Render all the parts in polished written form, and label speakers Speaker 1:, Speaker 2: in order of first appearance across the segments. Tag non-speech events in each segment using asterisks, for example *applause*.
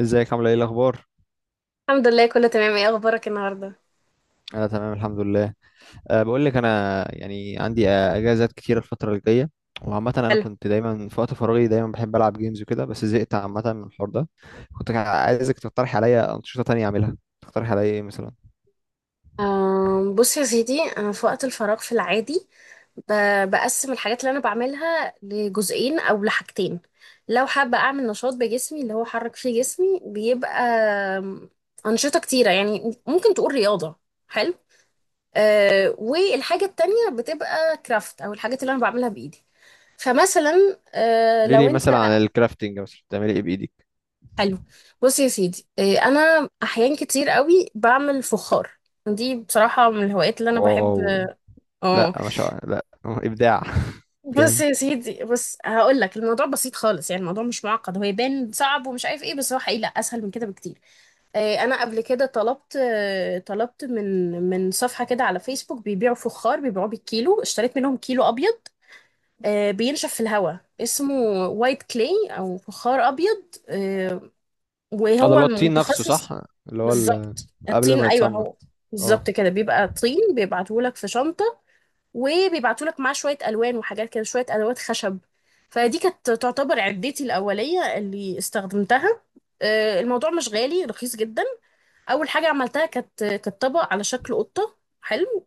Speaker 1: ازيك، عامله ايه الاخبار؟
Speaker 2: الحمد لله كله تمام. ايه اخبارك النهارده؟
Speaker 1: انا تمام الحمد لله. أه بقول لك انا يعني عندي اجازات كتيره الفتره الجايه. وعامه انا
Speaker 2: حلو.
Speaker 1: كنت دايما في وقت فراغي دايما بحب العب جيمز وكده، بس زهقت عامه من الحوار ده. كنت عايزك تقترح عليا انشطه تانية اعملها، تقترح عليا ايه مثلا؟
Speaker 2: بص يا سيدي انا في وقت الفراغ في العادي بقسم الحاجات اللي انا بعملها لجزئين او لحاجتين. لو حابه اعمل نشاط بجسمي اللي هو حرك فيه جسمي بيبقى آم، انشطه كتيره، يعني ممكن تقول رياضه. حلو. والحاجه التانية بتبقى كرافت او الحاجات اللي انا بعملها بايدي. فمثلا
Speaker 1: قولي
Speaker 2: لو
Speaker 1: لي
Speaker 2: انت.
Speaker 1: مثلا عن الكرافتنج، مثلا بتعملي ايه بايدك؟
Speaker 2: حلو. بص يا سيدي، انا احيان كتير قوي بعمل فخار. دي بصراحة من الهوايات اللي انا بحب.
Speaker 1: واو. لا
Speaker 2: اه.
Speaker 1: ما شاء الله، لا ابداع. *laughs*
Speaker 2: بص
Speaker 1: جامد.
Speaker 2: يا سيدي بص هقول لك، الموضوع بسيط خالص، يعني الموضوع مش معقد، هو يبان صعب ومش عارف ايه، بس هو حقيقي لا اسهل من كده بكتير. انا قبل كده طلبت، طلبت من صفحة كده على فيسبوك بيبيعوا فخار، بيبيعوه بالكيلو. اشتريت منهم كيلو ابيض، بينشف في الهواء، اسمه وايت كلاي او فخار ابيض، آه،
Speaker 1: اه، ده
Speaker 2: وهو
Speaker 1: اللي هو الطين نفسه،
Speaker 2: متخصص.
Speaker 1: صح؟ اللي هو
Speaker 2: بالظبط
Speaker 1: قبل
Speaker 2: الطين،
Speaker 1: ما
Speaker 2: ايوه
Speaker 1: يتصنع.
Speaker 2: هو.
Speaker 1: اه.
Speaker 2: بالظبط كده بيبقى طين، بيبعتهولك في شنطه، وبيبعتهولك معاه شويه الوان وحاجات كده، شويه ادوات خشب. فدي كانت تعتبر عدتي الاوليه اللي استخدمتها. الموضوع مش غالي، رخيص جدا. اول حاجه عملتها كانت طبق على شكل قطه. حلو.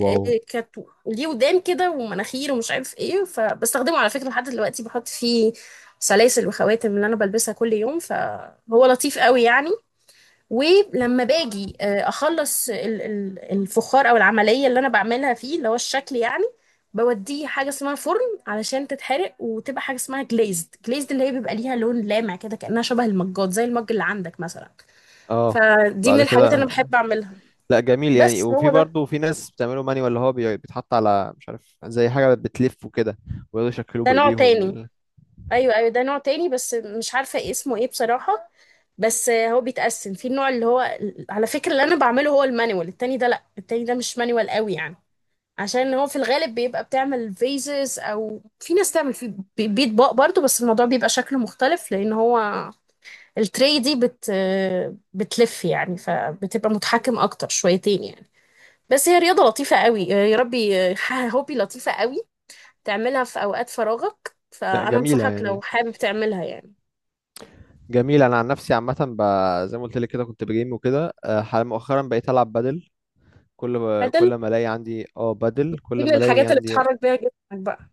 Speaker 1: واو.
Speaker 2: ليه ودان كده ومناخير ومش عارف ايه، فبستخدمه على فكره لحد دلوقتي، بحط فيه سلاسل وخواتم اللي انا بلبسها كل يوم، فهو لطيف قوي يعني. ولما باجي اخلص الفخار او العمليه اللي انا بعملها فيه، اللي هو الشكل يعني، بوديه حاجه اسمها فرن علشان تتحرق، وتبقى حاجه اسمها جليزد. جليزد اللي هي بيبقى ليها لون لامع كده، كانها شبه المجات، زي المج اللي عندك مثلا.
Speaker 1: اه.
Speaker 2: فدي من
Speaker 1: بعد
Speaker 2: الحاجات اللي
Speaker 1: كده.
Speaker 2: أنا بحب أعملها.
Speaker 1: لا جميل يعني،
Speaker 2: بس
Speaker 1: وفي
Speaker 2: هو ده.
Speaker 1: برضه في ناس بتعمله ماني اللي هو بيتحط على مش عارف، زي حاجة بتلف وكده. ويقعدوا يشكلوه
Speaker 2: ده نوع
Speaker 1: بإيديهم
Speaker 2: تاني. أيوه، أيوه، ده نوع تاني، بس مش عارفة اسمه إيه بصراحة. بس هو بيتقسم في النوع اللي هو، على فكرة اللي أنا بعمله هو المانيوال. التاني ده لأ، التاني ده مش مانيوال قوي يعني، عشان هو في الغالب بيبقى بتعمل فيزز، او في ناس تعمل في بيطباق برضو، بس الموضوع بيبقى شكله مختلف، لان هو التري دي بتلف يعني، فبتبقى متحكم اكتر شويتين يعني. بس هي رياضة لطيفة قوي يا ربي. *laughs* هوبي لطيفة قوي، تعملها في أوقات فراغك،
Speaker 1: لا
Speaker 2: فأنا
Speaker 1: جميلة
Speaker 2: أنصحك لو
Speaker 1: يعني.
Speaker 2: حابب تعملها يعني.
Speaker 1: جميلة، أنا عن نفسي عامة زي ما قلت لك كده، كنت بجيم وكده، مؤخرا بقيت ألعب بادل. كل ب...
Speaker 2: بدل
Speaker 1: كل ما ألاقي عندي اه بادل، كل
Speaker 2: دي من
Speaker 1: ما ألاقي
Speaker 2: الحاجات اللي
Speaker 1: عندي.
Speaker 2: بتحرك بيها جسمك بقى.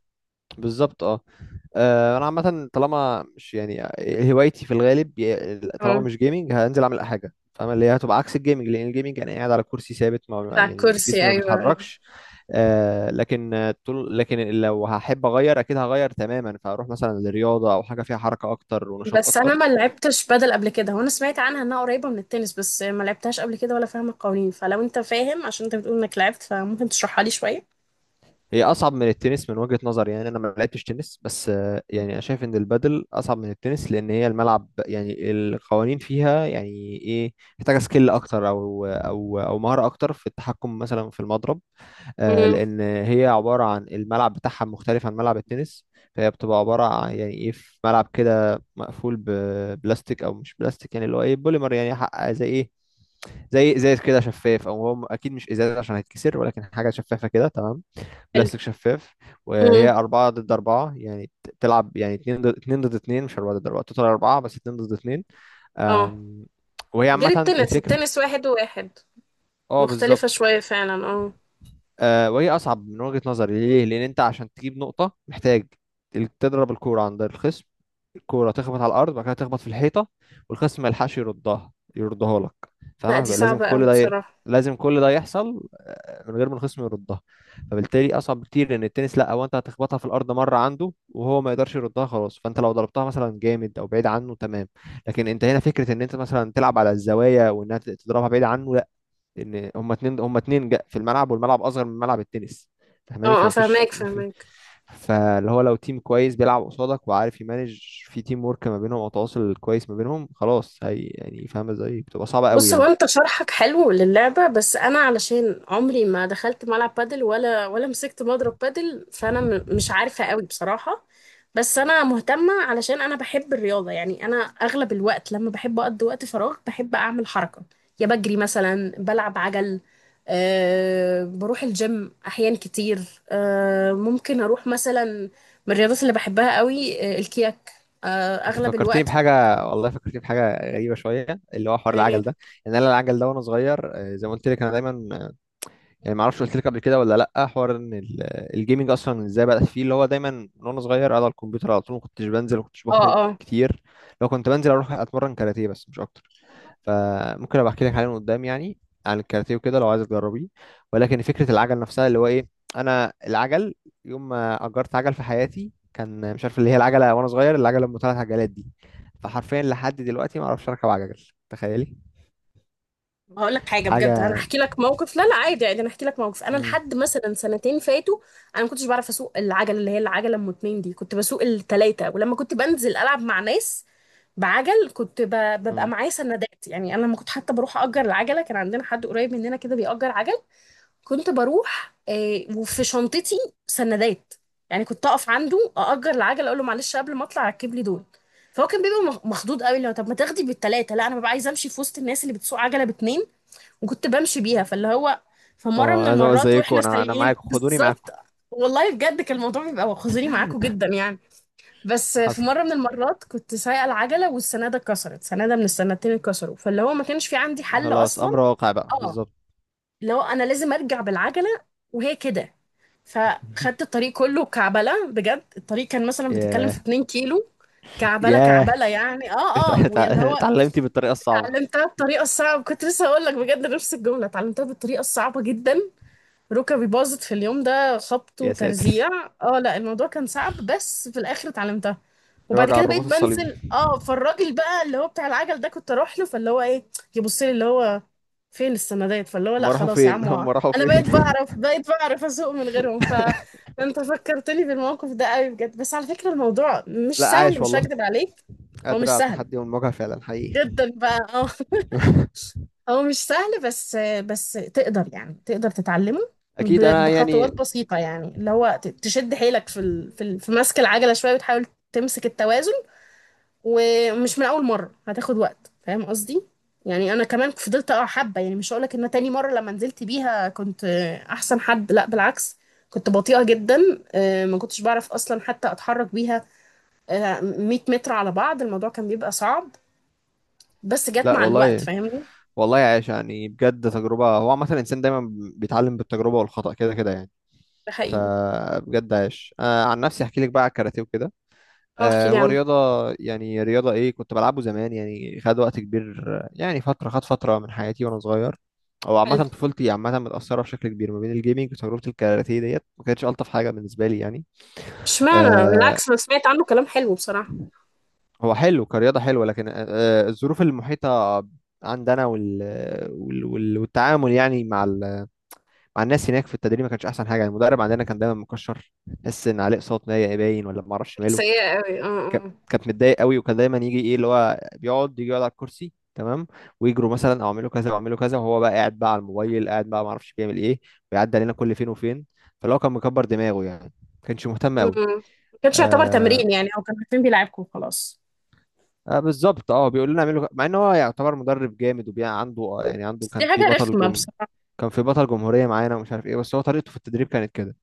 Speaker 1: بالظبط، اه. انا عامه طالما مش يعني هوايتي في الغالب، طالما
Speaker 2: اه،
Speaker 1: مش جيمنج هنزل اعمل حاجه، فاهم؟ اللي هي هتبقى عكس الجيمنج، لان الجيمنج انا قاعد على كرسي ثابت،
Speaker 2: قاعد
Speaker 1: ما
Speaker 2: على
Speaker 1: يعني
Speaker 2: الكرسي،
Speaker 1: جسمي ما
Speaker 2: أيوه أيوه.
Speaker 1: بيتحركش. لكن طول، لكن لو هحب اغير اكيد هغير تماما، فاروح مثلا للرياضه او حاجه فيها حركه اكتر ونشاط
Speaker 2: بس أنا
Speaker 1: اكتر.
Speaker 2: ما لعبتش بدل قبل كده، وأنا سمعت عنها إنها قريبة من التنس، بس ما لعبتهاش قبل كده ولا فاهمة القوانين، فلو أنت فاهم، عشان أنت بتقول إنك لعبت، فممكن تشرحها لي شوية.
Speaker 1: هي اصعب من التنس من وجهة نظري يعني، انا ما لعبتش تنس، بس يعني انا شايف ان البادل اصعب من التنس، لان هي الملعب يعني القوانين فيها يعني ايه، محتاجه سكيل اكتر او مهاره اكتر في التحكم مثلا في المضرب.
Speaker 2: امم.
Speaker 1: لان هي عباره عن الملعب بتاعها مختلف عن ملعب التنس. فهي بتبقى عباره عن يعني ايه، في ملعب كده مقفول ببلاستيك او مش بلاستيك يعني اللي هو ايه بوليمر يعني، زي ايه، زي ازاز كده شفاف، او هو اكيد مش ازاز عشان هيتكسر، ولكن حاجه شفافه كده، تمام.
Speaker 2: حلو.
Speaker 1: بلاستيك شفاف. وهي
Speaker 2: امم.
Speaker 1: أربعة ضد أربعة يعني، تلعب يعني اتنين ضد اتنين مش أربعة ضد أربعة، توتال أربعة بس اتنين ضد اتنين.
Speaker 2: اه.
Speaker 1: أم، وهي
Speaker 2: غير
Speaker 1: عامة
Speaker 2: التنس،
Speaker 1: الفكر.
Speaker 2: التنس واحد وواحد.
Speaker 1: اه،
Speaker 2: مختلفة
Speaker 1: بالظبط.
Speaker 2: شوية فعلا، اه.
Speaker 1: وهي أصعب من وجهة نظري، ليه؟ لأن أنت عشان تجيب نقطة محتاج تضرب الكورة عند الخصم، الكوره تخبط على الارض، بعد كده تخبط في الحيطه، والخصم ما يلحقش يردها يردها لك،
Speaker 2: لا
Speaker 1: فاهمها؟
Speaker 2: دي
Speaker 1: فبقى لازم
Speaker 2: صعبة
Speaker 1: كل
Speaker 2: أوي
Speaker 1: ده
Speaker 2: بصراحة.
Speaker 1: لازم كل ده يحصل من غير ما الخصم يردها. فبالتالي اصعب بكتير، لان التنس لا، هو انت هتخبطها في الارض مره عنده وهو ما يقدرش يردها، خلاص، فانت لو ضربتها مثلا جامد او بعيد عنه، تمام. لكن انت هنا فكره ان انت مثلا تلعب على الزوايا، وانها تضربها بعيد عنه، لا. ان هما اتنين في الملعب، والملعب اصغر من ملعب التنس، فاهماني؟
Speaker 2: اه اه،
Speaker 1: فمفيش.
Speaker 2: فهماك فهماك.
Speaker 1: فاللي هو لو تيم كويس بيلعب قصادك وعارف يمانج، في تيم ورك ما بينهم او تواصل كويس ما بينهم، خلاص هي يعني فاهمه ازاي بتبقى صعبه قوي
Speaker 2: بص، هو
Speaker 1: يعني.
Speaker 2: انت شرحك حلو للعبة، بس انا علشان عمري ما دخلت ملعب بادل ولا مسكت مضرب بادل، فانا مش عارفة قوي بصراحة. بس انا مهتمة، علشان انا بحب الرياضة، يعني انا اغلب الوقت لما بحب اقضي وقت فراغ بحب اعمل حركة. يا بجري مثلا، بلعب عجل، أه بروح الجيم احيان كتير، أه ممكن اروح مثلا. من الرياضات اللي بحبها قوي الكياك. أه،
Speaker 1: انت
Speaker 2: اغلب
Speaker 1: فكرتني
Speaker 2: الوقت.
Speaker 1: بحاجه، والله فكرتني بحاجه غريبه شويه، اللي هو حوار
Speaker 2: اه
Speaker 1: العجل ده. ان انا العجل ده وانا صغير، زي ما قلت لك انا دايما يعني ما اعرفش قلت لك قبل كده ولا لا حوار ان الجيمنج اصلا ازاي بدات فيه، اللي هو دايما من وانا صغير قاعد على الكمبيوتر على طول، ما كنتش بنزل، ما كنتش
Speaker 2: اه.
Speaker 1: بخرج
Speaker 2: آه.
Speaker 1: كتير. لو كنت بنزل اروح اتمرن كاراتيه، بس مش اكتر. فممكن ابقى احكي لك عليه من قدام يعني، عن الكاراتيه وكده لو عايز تجربيه. ولكن فكره العجل نفسها اللي هو ايه، انا العجل يوم ما اجرت عجل في حياتي كان مش عارف، اللي هي العجله وانا صغير، العجله ام 3 عجلات دي. فحرفيا لحد دلوقتي ما اعرفش اركب عجل، تخيلي!
Speaker 2: هقول لك حاجه بجد، انا
Speaker 1: حاجه.
Speaker 2: هحكي لك موقف. لا لا، عادي عادي، انا هحكي لك موقف. انا
Speaker 1: امم
Speaker 2: لحد مثلا سنتين فاتوا انا ما كنتش بعرف اسوق العجله اللي هي العجله ام اتنين دي، كنت بسوق التلاته. ولما كنت بنزل العب مع ناس بعجل كنت ببقى
Speaker 1: امم
Speaker 2: معايا سندات. يعني انا لما كنت حتى بروح اجر العجله، كان عندنا حد قريب مننا كده بيأجر عجل. كنت بروح وفي شنطتي سندات، يعني كنت اقف عنده، اأجر العجله، اقول له معلش قبل ما اطلع ركب لي دول. فهو كان بيبقى مخضوض قوي. لو طب ما تاخدي بالتلاته؟ لا، انا ببقى عايزه امشي في وسط الناس اللي بتسوق عجله باتنين. وكنت بمشي بيها. فاللي هو في مرة
Speaker 1: اه،
Speaker 2: من
Speaker 1: انا
Speaker 2: المرات
Speaker 1: زيكم،
Speaker 2: واحنا
Speaker 1: انا
Speaker 2: سايقين
Speaker 1: معاكم، خدوني معاكم.
Speaker 2: بالظبط، والله بجد كان الموضوع بيبقى خزوني معاكم
Speaker 1: *laughs*
Speaker 2: جدا يعني. بس في
Speaker 1: حصل،
Speaker 2: مرة من المرات كنت سايقة العجلة والسنادة اتكسرت، سنادة من السنادتين اتكسروا، فاللي هو ما كانش في عندي حل
Speaker 1: خلاص،
Speaker 2: أصلا.
Speaker 1: امر واقع بقى،
Speaker 2: اه،
Speaker 1: بالظبط.
Speaker 2: اللي هو أنا لازم أرجع بالعجلة، وهي كده. فخدت
Speaker 1: *laughs*
Speaker 2: الطريق كله كعبلة بجد، الطريق كان مثلا بتتكلم في
Speaker 1: ياه.
Speaker 2: 2 كيلو، كعبلة
Speaker 1: ياه.
Speaker 2: كعبلة يعني، اه اه. واللي هو
Speaker 1: اتعلمتي بالطريقه الصعبه.
Speaker 2: اتعلمتها بطريقة صعبة، كنت لسه هقول لك بجد نفس الجملة، اتعلمتها بالطريقة الصعبة جدا. ركبي باظت في اليوم ده، خبط
Speaker 1: يا ساتر!
Speaker 2: وترزيع. اه، لا الموضوع كان صعب، بس في الاخر اتعلمتها. وبعد
Speaker 1: وجع
Speaker 2: كده بقيت
Speaker 1: الرباط الصليبي.
Speaker 2: بنزل، اه. فالراجل بقى اللي هو بتاع العجل ده كنت اروح له، فاللي هو ايه، يبص لي اللي هو فين السندات، فاللي هو
Speaker 1: هم
Speaker 2: لا
Speaker 1: راحوا
Speaker 2: خلاص يا
Speaker 1: فين؟
Speaker 2: عم،
Speaker 1: *laughs* هم راحوا
Speaker 2: انا
Speaker 1: فين؟
Speaker 2: بقيت بعرف اسوق من غيرهم. فانت فكرتني بالموقف ده قوي بجد، بس على فكرة الموضوع
Speaker 1: *laughs* لا
Speaker 2: مش سهل،
Speaker 1: عايش
Speaker 2: مش
Speaker 1: والله،
Speaker 2: هكدب عليك. هو مش
Speaker 1: قادر على
Speaker 2: سهل
Speaker 1: التحدي والمواجهة فعلا حقيقي.
Speaker 2: جدا بقى، اه. هو مش سهل، بس تقدر يعني، تقدر تتعلمه
Speaker 1: اكيد انا يعني.
Speaker 2: بخطوات بسيطة، يعني اللي هو تشد حيلك في مسك العجلة شوية، وتحاول تمسك التوازن. ومش من أول مرة، هتاخد وقت، فاهم قصدي؟ يعني أنا كمان فضلت أقع حبة، يعني مش هقولك إن أنا تاني مرة لما نزلت بيها كنت أحسن حد، لأ بالعكس، كنت بطيئة جدا. ما كنتش بعرف أصلا حتى أتحرك بيها. 100 متر على بعض الموضوع كان بيبقى صعب، بس جت
Speaker 1: لا
Speaker 2: مع الوقت.
Speaker 1: والله،
Speaker 2: فاهمني؟
Speaker 1: والله عايش يعني، بجد تجربة، هو عامة الانسان دايما بيتعلم بالتجربة والخطأ كده كده يعني.
Speaker 2: ده حقيقي.
Speaker 1: فبجد عايش، أنا عن نفسي احكي لك بقى على الكاراتيه وكده.
Speaker 2: اه، احكي لي
Speaker 1: هو
Speaker 2: عنه.
Speaker 1: رياضة، يعني رياضة ايه، كنت بلعبه زمان يعني، خد وقت كبير يعني فترة، خد فترة من حياتي وانا صغير. او عامة
Speaker 2: حلو،
Speaker 1: طفولتي عامة متأثرة بشكل كبير ما بين الجيمنج وتجربة الكاراتيه، ديت ما كانتش ألطف حاجة بالنسبة لي يعني.
Speaker 2: اشمعنى؟
Speaker 1: آه،
Speaker 2: بالعكس انا سمعت عنه كلام حلو بصراحة.
Speaker 1: هو حلو كرياضة حلوة، لكن الظروف المحيطة عندنا وال... وال... وال... والتعامل يعني مع الناس هناك في التدريب ما كانش أحسن حاجة يعني، المدرب عندنا كان دايما مكشر، تحس إن عليه إقساط نايق باين، ولا ما أعرفش ماله.
Speaker 2: سيئة قوي، اه
Speaker 1: ك...
Speaker 2: اه.
Speaker 1: كانت متضايق قوي، وكان دايما يجي إيه اللي هو بيقعد يجي يقعد على الكرسي، تمام، ويجروا مثلا أو أعملوا كذا وأعملوا كذا، وهو بقى قاعد بقى على الموبايل، قاعد بقى ما أعرفش بيعمل إيه، ويعدي علينا كل فين وفين. فلو كان مكبر دماغه يعني، ما كانش مهتم قوي.
Speaker 2: أمم. ما كانش يعتبر تمرين يعني، او كانوا عارفين بيلعبكم وخلاص.
Speaker 1: بالظبط اه، بيقول لنا اعملوا مع ان هو يعتبر مدرب جامد وبيع عنده، يعني عنده
Speaker 2: بس دي
Speaker 1: كان في
Speaker 2: حاجة
Speaker 1: بطل
Speaker 2: رخمة بصراحة.
Speaker 1: كان في بطل جمهورية معانا ومش عارف ايه، بس هو طريقته في التدريب كانت كده،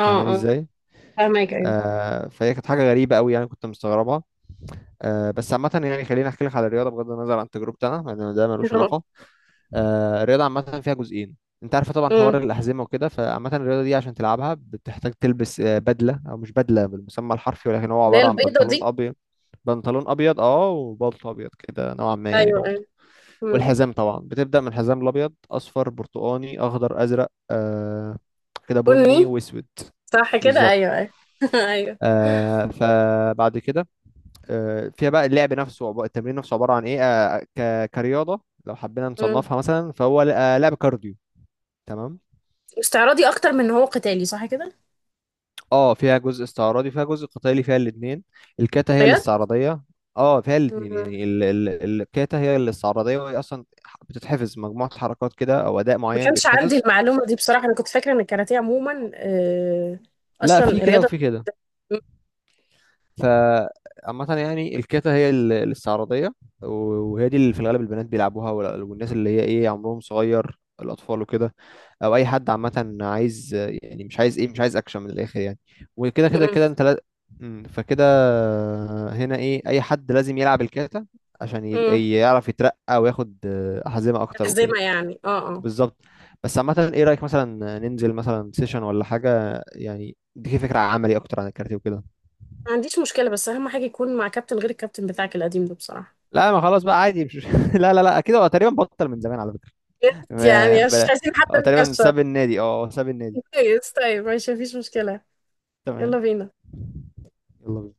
Speaker 1: فاهماني
Speaker 2: اه،
Speaker 1: ازاي؟
Speaker 2: فاهمك ايوه.
Speaker 1: فهي كانت حاجة غريبة قوي يعني، كنت مستغربها. بس عامة يعني، خليني احكي لك على الرياضة بغض النظر عن تجربتي انا لان ده
Speaker 2: *laughs*
Speaker 1: ملوش
Speaker 2: اه.
Speaker 1: علاقة. الرياضة عامة فيها جزئين، انت عارف طبعا
Speaker 2: أمم.
Speaker 1: حوار الأحزمة وكده، فعامة الرياضة دي عشان تلعبها بتحتاج تلبس بدلة او مش بدلة بالمسمى الحرفي، ولكن هو
Speaker 2: اللي هي
Speaker 1: عبارة عن
Speaker 2: البيضة
Speaker 1: بنطلون
Speaker 2: دي.
Speaker 1: ابيض. بنطلون ابيض اه، وبلطو ابيض كده نوعا ما يعني،
Speaker 2: ايوه
Speaker 1: بلطو.
Speaker 2: ايوه. أمم.
Speaker 1: والحزام طبعا بتبدأ من الحزام الأبيض، أصفر، برتقاني، أخضر، أزرق، كده، بني
Speaker 2: بني،
Speaker 1: وأسود.
Speaker 2: صح كده،
Speaker 1: بالظبط.
Speaker 2: ايوه ايوه. *laughs* ايوه.
Speaker 1: فبعد كده، فيها بقى اللعب نفسه، التمرين نفسه عبارة عن إيه، كرياضة لو حبينا
Speaker 2: أمم.
Speaker 1: نصنفها مثلا، فهو لعب كارديو، تمام.
Speaker 2: استعراضي اكتر من ان هو قتالي، صح كده؟
Speaker 1: اه فيها جزء استعراضي فيها جزء قتالي فيها الاتنين. الكاتا هي
Speaker 2: بجد.
Speaker 1: الاستعراضية. اه فيها الاتنين
Speaker 2: أمم.
Speaker 1: يعني ال ال الكاتا هي الاستعراضية، وهي أصلا بتتحفظ مجموعة حركات كده، أو أداء
Speaker 2: ما
Speaker 1: معين
Speaker 2: كانش عندي
Speaker 1: بيتحفظ.
Speaker 2: المعلومة دي بصراحة، انا كنت فاكرة ان الكاراتيه عموما
Speaker 1: لا
Speaker 2: اصلا
Speaker 1: في كده
Speaker 2: رياضة.
Speaker 1: وفي كده.
Speaker 2: أمم.
Speaker 1: فعامة يعني الكاتا هي الاستعراضية، وهي دي اللي في الغالب البنات بيلعبوها، والناس اللي هي ايه عمرهم صغير، الأطفال وكده، أو أي حد عامة عايز، يعني مش عايز ايه، مش عايز أكشن من الآخر يعني، وكده كده
Speaker 2: أمم.
Speaker 1: كده، أنت لا. فكده هنا ايه، أي حد لازم يلعب الكاتا عشان
Speaker 2: أمم.
Speaker 1: يعرف يترقى وياخد أحزمة أكتر وكده.
Speaker 2: تحزمة يعني، اه اه.
Speaker 1: بالظبط. بس عامة، ايه رأيك مثلا ننزل مثلا سيشن ولا حاجة؟ يعني دي فكرة عملي أكتر عن الكاراتيه وكده.
Speaker 2: ما عنديش مشكلة، بس أهم حاجة يكون مع كابتن غير الكابتن بتاعك القديم ده بصراحة.
Speaker 1: لا ما خلاص بقى عادي مش... *laughs* لا، لا، لا، كده هو تقريبا بطل من زمان على فكرة.
Speaker 2: يا ريت، يعني
Speaker 1: ب-
Speaker 2: مش
Speaker 1: ب-
Speaker 2: عايزين حد
Speaker 1: هو تقريبا
Speaker 2: مكشر.
Speaker 1: ساب النادي، اه هو ساب النادي.
Speaker 2: كويس، طيب ماشي، مفيش مشكلة. يلا
Speaker 1: تمام.
Speaker 2: بينا.
Speaker 1: يلا بينا.